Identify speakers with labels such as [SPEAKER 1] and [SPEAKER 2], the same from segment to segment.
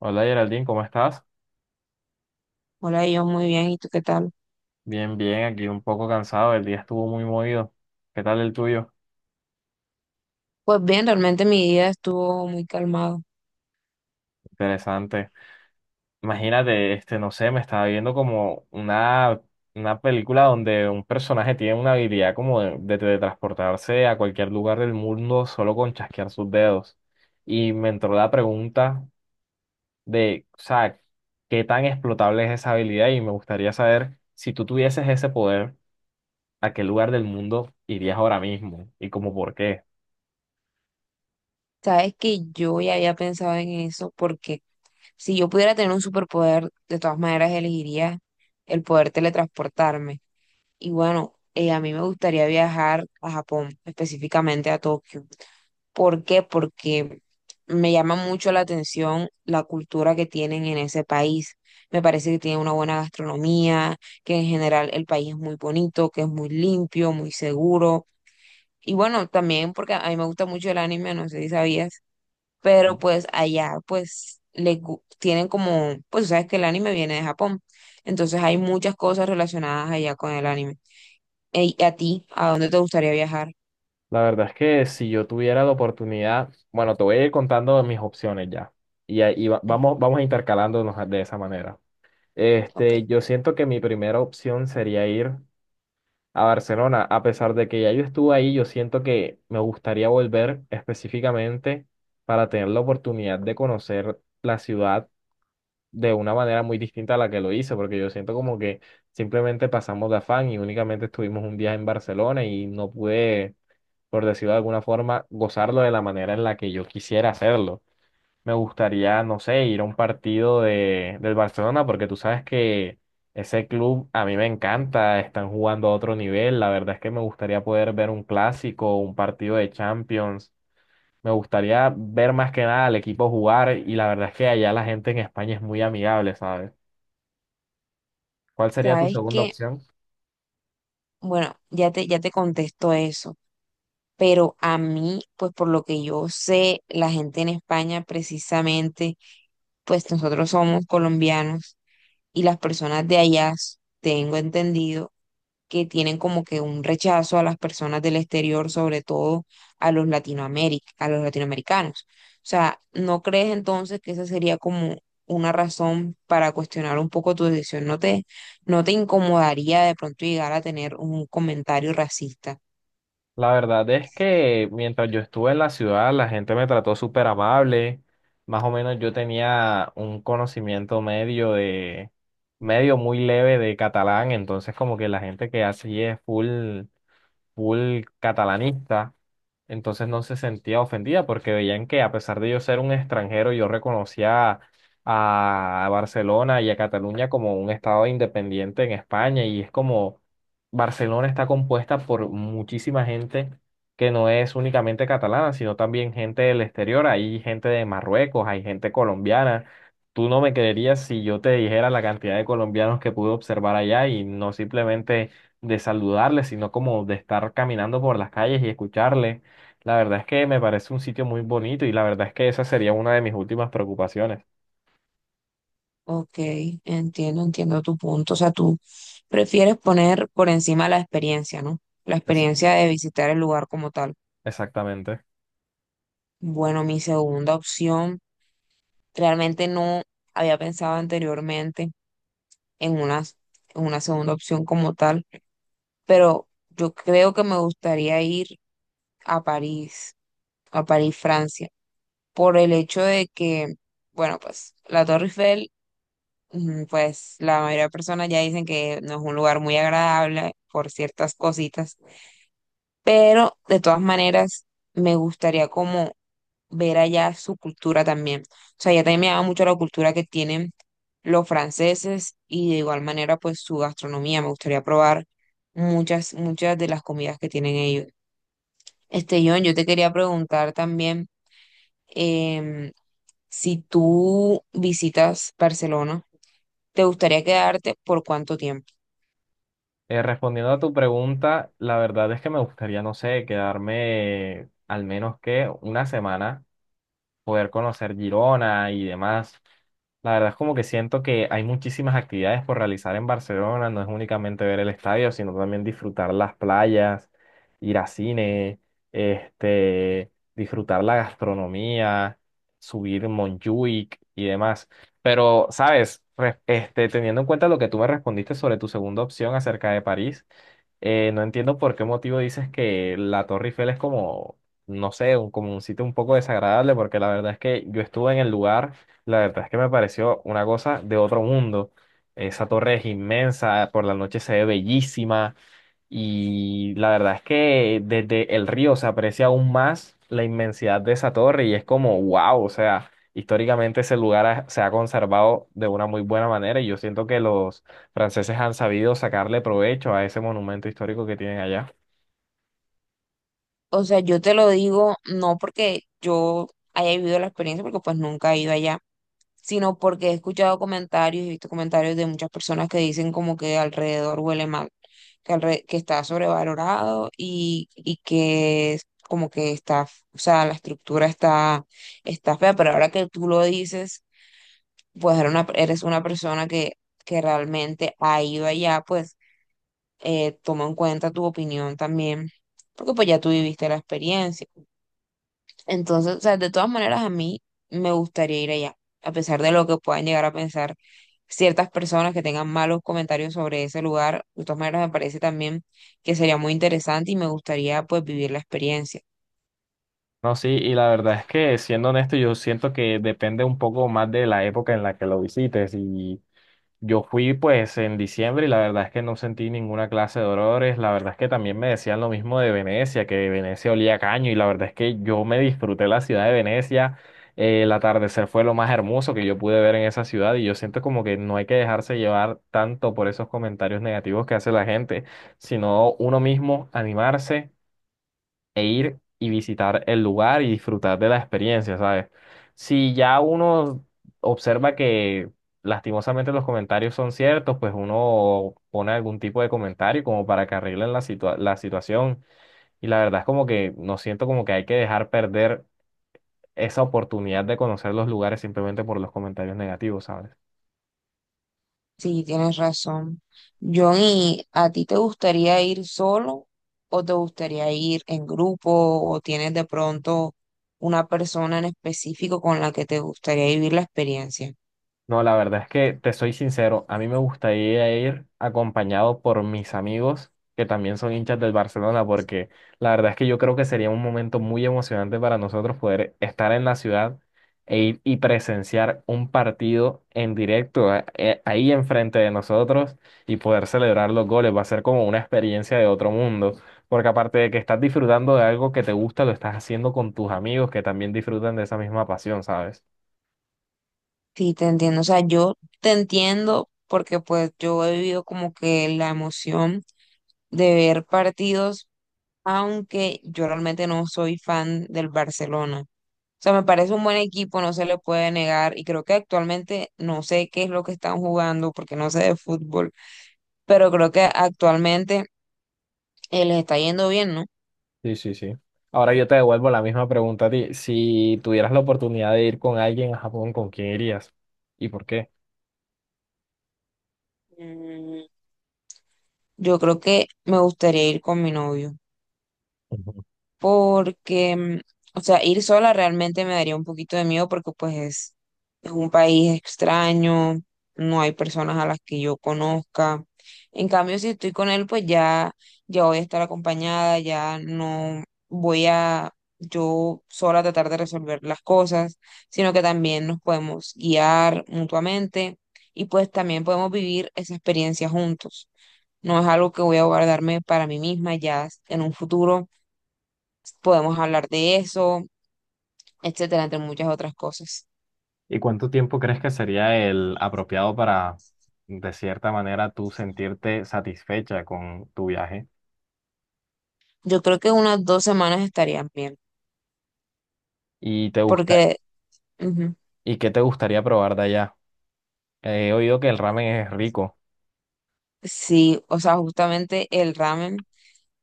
[SPEAKER 1] Hola Geraldine, ¿cómo estás?
[SPEAKER 2] Hola, yo muy bien, ¿y tú qué tal?
[SPEAKER 1] Bien, bien, aquí un poco cansado, el día estuvo muy movido. ¿Qué tal el tuyo?
[SPEAKER 2] Pues bien, realmente mi día estuvo muy calmado.
[SPEAKER 1] Interesante. Imagínate, este, no sé, me estaba viendo como una película donde un personaje tiene una habilidad como de teletransportarse a cualquier lugar del mundo solo con chasquear sus dedos. Y me entró la pregunta de, o sea, ¿qué tan explotable es esa habilidad? Y me gustaría saber, si tú tuvieses ese poder, ¿a qué lugar del mundo irías ahora mismo? ¿Y como por qué?
[SPEAKER 2] Sabes que yo ya había pensado en eso porque si yo pudiera tener un superpoder, de todas maneras elegiría el poder teletransportarme. Y bueno, a mí me gustaría viajar a Japón, específicamente a Tokio. ¿Por qué? Porque me llama mucho la atención la cultura que tienen en ese país. Me parece que tienen una buena gastronomía, que en general el país es muy bonito, que es muy limpio, muy seguro. Y bueno, también porque a mí me gusta mucho el anime, no sé si sabías, pero pues allá pues tienen como, pues tú sabes que el anime viene de Japón, entonces hay muchas cosas relacionadas allá con el anime. Ey, ¿y a ti, a dónde te gustaría viajar?
[SPEAKER 1] La verdad es que si yo tuviera la oportunidad, bueno, te voy a ir contando mis opciones ya. Y ahí va-
[SPEAKER 2] Ujú.
[SPEAKER 1] vamos, vamos intercalándonos de esa manera.
[SPEAKER 2] Ok,
[SPEAKER 1] Este, yo siento que mi primera opción sería ir a Barcelona. A pesar de que ya yo estuve ahí, yo siento que me gustaría volver específicamente para tener la oportunidad de conocer la ciudad de una manera muy distinta a la que lo hice, porque yo siento como que simplemente pasamos de afán y únicamente estuvimos un día en Barcelona y no pude, por decirlo de alguna forma, gozarlo de la manera en la que yo quisiera hacerlo. Me gustaría, no sé, ir a un partido del Barcelona, porque tú sabes que ese club a mí me encanta, están jugando a otro nivel. La verdad es que me gustaría poder ver un clásico, un partido de Champions. Me gustaría ver más que nada al equipo jugar y la verdad es que allá la gente en España es muy amigable, ¿sabes? ¿Cuál sería tu
[SPEAKER 2] sabes
[SPEAKER 1] segunda
[SPEAKER 2] que,
[SPEAKER 1] opción?
[SPEAKER 2] bueno, ya te contesto eso, pero a mí, pues por lo que yo sé, la gente en España precisamente, pues nosotros somos colombianos y las personas de allá, tengo entendido, que tienen como que un rechazo a las personas del exterior, sobre todo a los a los latinoamericanos. O sea, ¿no crees entonces que esa sería como una razón para cuestionar un poco tu decisión? ¿No te incomodaría de pronto llegar a tener un comentario racista?
[SPEAKER 1] La verdad es que mientras yo estuve en la ciudad, la gente me trató súper amable. Más o menos yo tenía un conocimiento medio de, medio muy leve de catalán, entonces como que la gente que hace es full full catalanista, entonces no se sentía ofendida porque veían que a pesar de yo ser un extranjero, yo reconocía a Barcelona y a Cataluña como un estado independiente en España y es como Barcelona está compuesta por muchísima gente que no es únicamente catalana, sino también gente del exterior, hay gente de Marruecos, hay gente colombiana. Tú no me creerías si yo te dijera la cantidad de colombianos que pude observar allá, y no simplemente de saludarle, sino como de estar caminando por las calles y escucharle. La verdad es que me parece un sitio muy bonito y la verdad es que esa sería una de mis últimas preocupaciones.
[SPEAKER 2] Ok, entiendo, entiendo tu punto. O sea, tú prefieres poner por encima la experiencia, ¿no? La
[SPEAKER 1] Esa-
[SPEAKER 2] experiencia de visitar el lugar como tal.
[SPEAKER 1] Exactamente.
[SPEAKER 2] Bueno, mi segunda opción. Realmente no había pensado anteriormente en una, en una segunda opción como tal, pero yo creo que me gustaría ir a París, a París, Francia, por el hecho de que, bueno, pues la Torre Eiffel, pues la mayoría de personas ya dicen que no es un lugar muy agradable por ciertas cositas, pero de todas maneras me gustaría como ver allá su cultura también. O sea, ya también me llama mucho la cultura que tienen los franceses y de igual manera pues su gastronomía. Me gustaría probar muchas, muchas de las comidas que tienen ellos. Este, John, yo te quería preguntar también, em, si tú visitas Barcelona, ¿te gustaría quedarte por cuánto tiempo?
[SPEAKER 1] Respondiendo a tu pregunta, la verdad es que me gustaría, no sé, quedarme al menos que una semana poder conocer Girona y demás. La verdad es como que siento que hay muchísimas actividades por realizar en Barcelona, no es únicamente ver el estadio, sino también disfrutar las playas, ir a cine, este, disfrutar la gastronomía, subir Montjuic y demás. Pero, ¿sabes? Este, teniendo en cuenta lo que tú me respondiste sobre tu segunda opción acerca de París, no entiendo por qué motivo dices que la Torre Eiffel es como, no sé, como un sitio un poco desagradable, porque la verdad es que yo estuve en el lugar, la verdad es que me pareció una cosa de otro mundo. Esa torre es inmensa, por la noche se ve bellísima, y la verdad es que desde el río se aprecia aún más la inmensidad de esa torre y es como, wow, o sea, históricamente ese lugar se ha conservado de una muy buena manera y yo siento que los franceses han sabido sacarle provecho a ese monumento histórico que tienen allá.
[SPEAKER 2] O sea, yo te lo digo no porque yo haya vivido la experiencia, porque pues nunca he ido allá, sino porque he escuchado comentarios y he visto comentarios de muchas personas que dicen como que alrededor huele mal, que, que está sobrevalorado y que es como que está, o sea, la estructura está, está fea, pero ahora que tú lo dices, pues eres una persona que realmente ha ido allá, pues toma en cuenta tu opinión también, porque pues ya tú viviste la experiencia. Entonces, o sea, de todas maneras a mí me gustaría ir allá, a pesar de lo que puedan llegar a pensar ciertas personas que tengan malos comentarios sobre ese lugar, de todas maneras me parece también que sería muy interesante y me gustaría pues vivir la experiencia.
[SPEAKER 1] No, sí, y la verdad es que siendo honesto, yo siento que depende un poco más de la época en la que lo visites. Y yo fui pues en diciembre y la verdad es que no sentí ninguna clase de dolores. La verdad es que también me decían lo mismo de Venecia, que Venecia olía a caño y la verdad es que yo me disfruté la ciudad de Venecia. El atardecer fue lo más hermoso que yo pude ver en esa ciudad y yo siento como que no hay que dejarse llevar tanto por esos comentarios negativos que hace la gente, sino uno mismo animarse e ir y visitar el lugar y disfrutar de la experiencia, ¿sabes? Si ya uno observa que lastimosamente los comentarios son ciertos, pues uno pone algún tipo de comentario como para que arreglen la la situación. Y la verdad es como que no siento como que hay que dejar perder esa oportunidad de conocer los lugares simplemente por los comentarios negativos, ¿sabes?
[SPEAKER 2] Sí, tienes razón. Johnny, ¿a ti te gustaría ir solo o te gustaría ir en grupo o tienes de pronto una persona en específico con la que te gustaría vivir la experiencia?
[SPEAKER 1] No, la verdad es que te soy sincero, a mí me gustaría ir acompañado por mis amigos que también son hinchas del Barcelona, porque la verdad es que yo creo que sería un momento muy emocionante para nosotros poder estar en la ciudad e ir y presenciar un partido en directo ahí enfrente de nosotros y poder celebrar los goles. Va a ser como una experiencia de otro mundo, porque aparte de que estás disfrutando de algo que te gusta, lo estás haciendo con tus amigos que también disfrutan de esa misma pasión, ¿sabes?
[SPEAKER 2] Sí, te entiendo. O sea, yo te entiendo porque pues yo he vivido como que la emoción de ver partidos, aunque yo realmente no soy fan del Barcelona. O sea, me parece un buen equipo, no se le puede negar y creo que actualmente no sé qué es lo que están jugando porque no sé de fútbol, pero creo que actualmente les está yendo bien, ¿no?
[SPEAKER 1] Sí, sí, sí. Ahora yo te devuelvo la misma pregunta a ti. Si tuvieras la oportunidad de ir con alguien a Japón, ¿con quién irías? ¿Y por qué?
[SPEAKER 2] Mm, yo creo que me gustaría ir con mi novio.
[SPEAKER 1] Ujú.
[SPEAKER 2] Porque, o sea, ir sola realmente me daría un poquito de miedo porque pues es un país extraño, no hay personas a las que yo conozca. En cambio, si estoy con él, pues ya, ya voy a estar acompañada, ya no voy a yo sola tratar de resolver las cosas, sino que también nos podemos guiar mutuamente y pues también podemos vivir esa experiencia juntos. No es algo que voy a guardarme para mí misma, ya en un futuro podemos hablar de eso, etcétera, entre muchas otras cosas.
[SPEAKER 1] ¿Y cuánto tiempo crees que sería el apropiado para, de cierta manera, tú sentirte satisfecha con tu viaje?
[SPEAKER 2] Yo creo que unas dos semanas estarían bien,
[SPEAKER 1] ¿Y te gusta,
[SPEAKER 2] porque ujú,
[SPEAKER 1] y qué te gustaría probar de allá? He oído que el ramen es rico.
[SPEAKER 2] sí, o sea, justamente el ramen,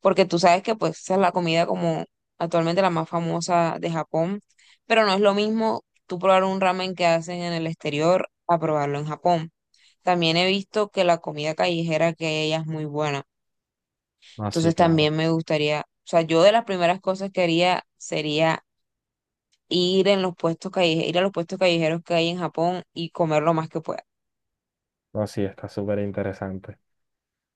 [SPEAKER 2] porque tú sabes que pues esa es la comida como actualmente la más famosa de Japón, pero no es lo mismo tú probar un ramen que hacen en el exterior a probarlo en Japón. También he visto que la comida callejera que hay allá es muy buena,
[SPEAKER 1] No, sí,
[SPEAKER 2] entonces
[SPEAKER 1] claro.
[SPEAKER 2] también me gustaría, o sea, yo de las primeras cosas que haría sería ir en los puestos callejeros, ir a los puestos callejeros que hay en Japón y comer lo más que pueda.
[SPEAKER 1] No, sí, está súper interesante.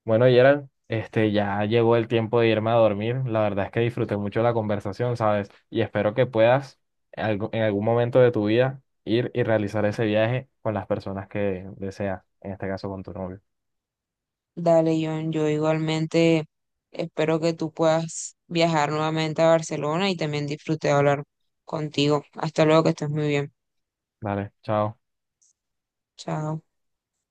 [SPEAKER 1] Bueno, Yera, este, ya llegó el tiempo de irme a dormir. La verdad es que disfruté mucho la conversación, ¿sabes? Y espero que puedas en algún momento de tu vida ir y realizar ese viaje con las personas que deseas, en este caso con tu novio.
[SPEAKER 2] Dale, John, yo igualmente espero que tú puedas viajar nuevamente a Barcelona y también disfruté de hablar contigo. Hasta luego, que estés muy bien.
[SPEAKER 1] Vale, chao.
[SPEAKER 2] Chao.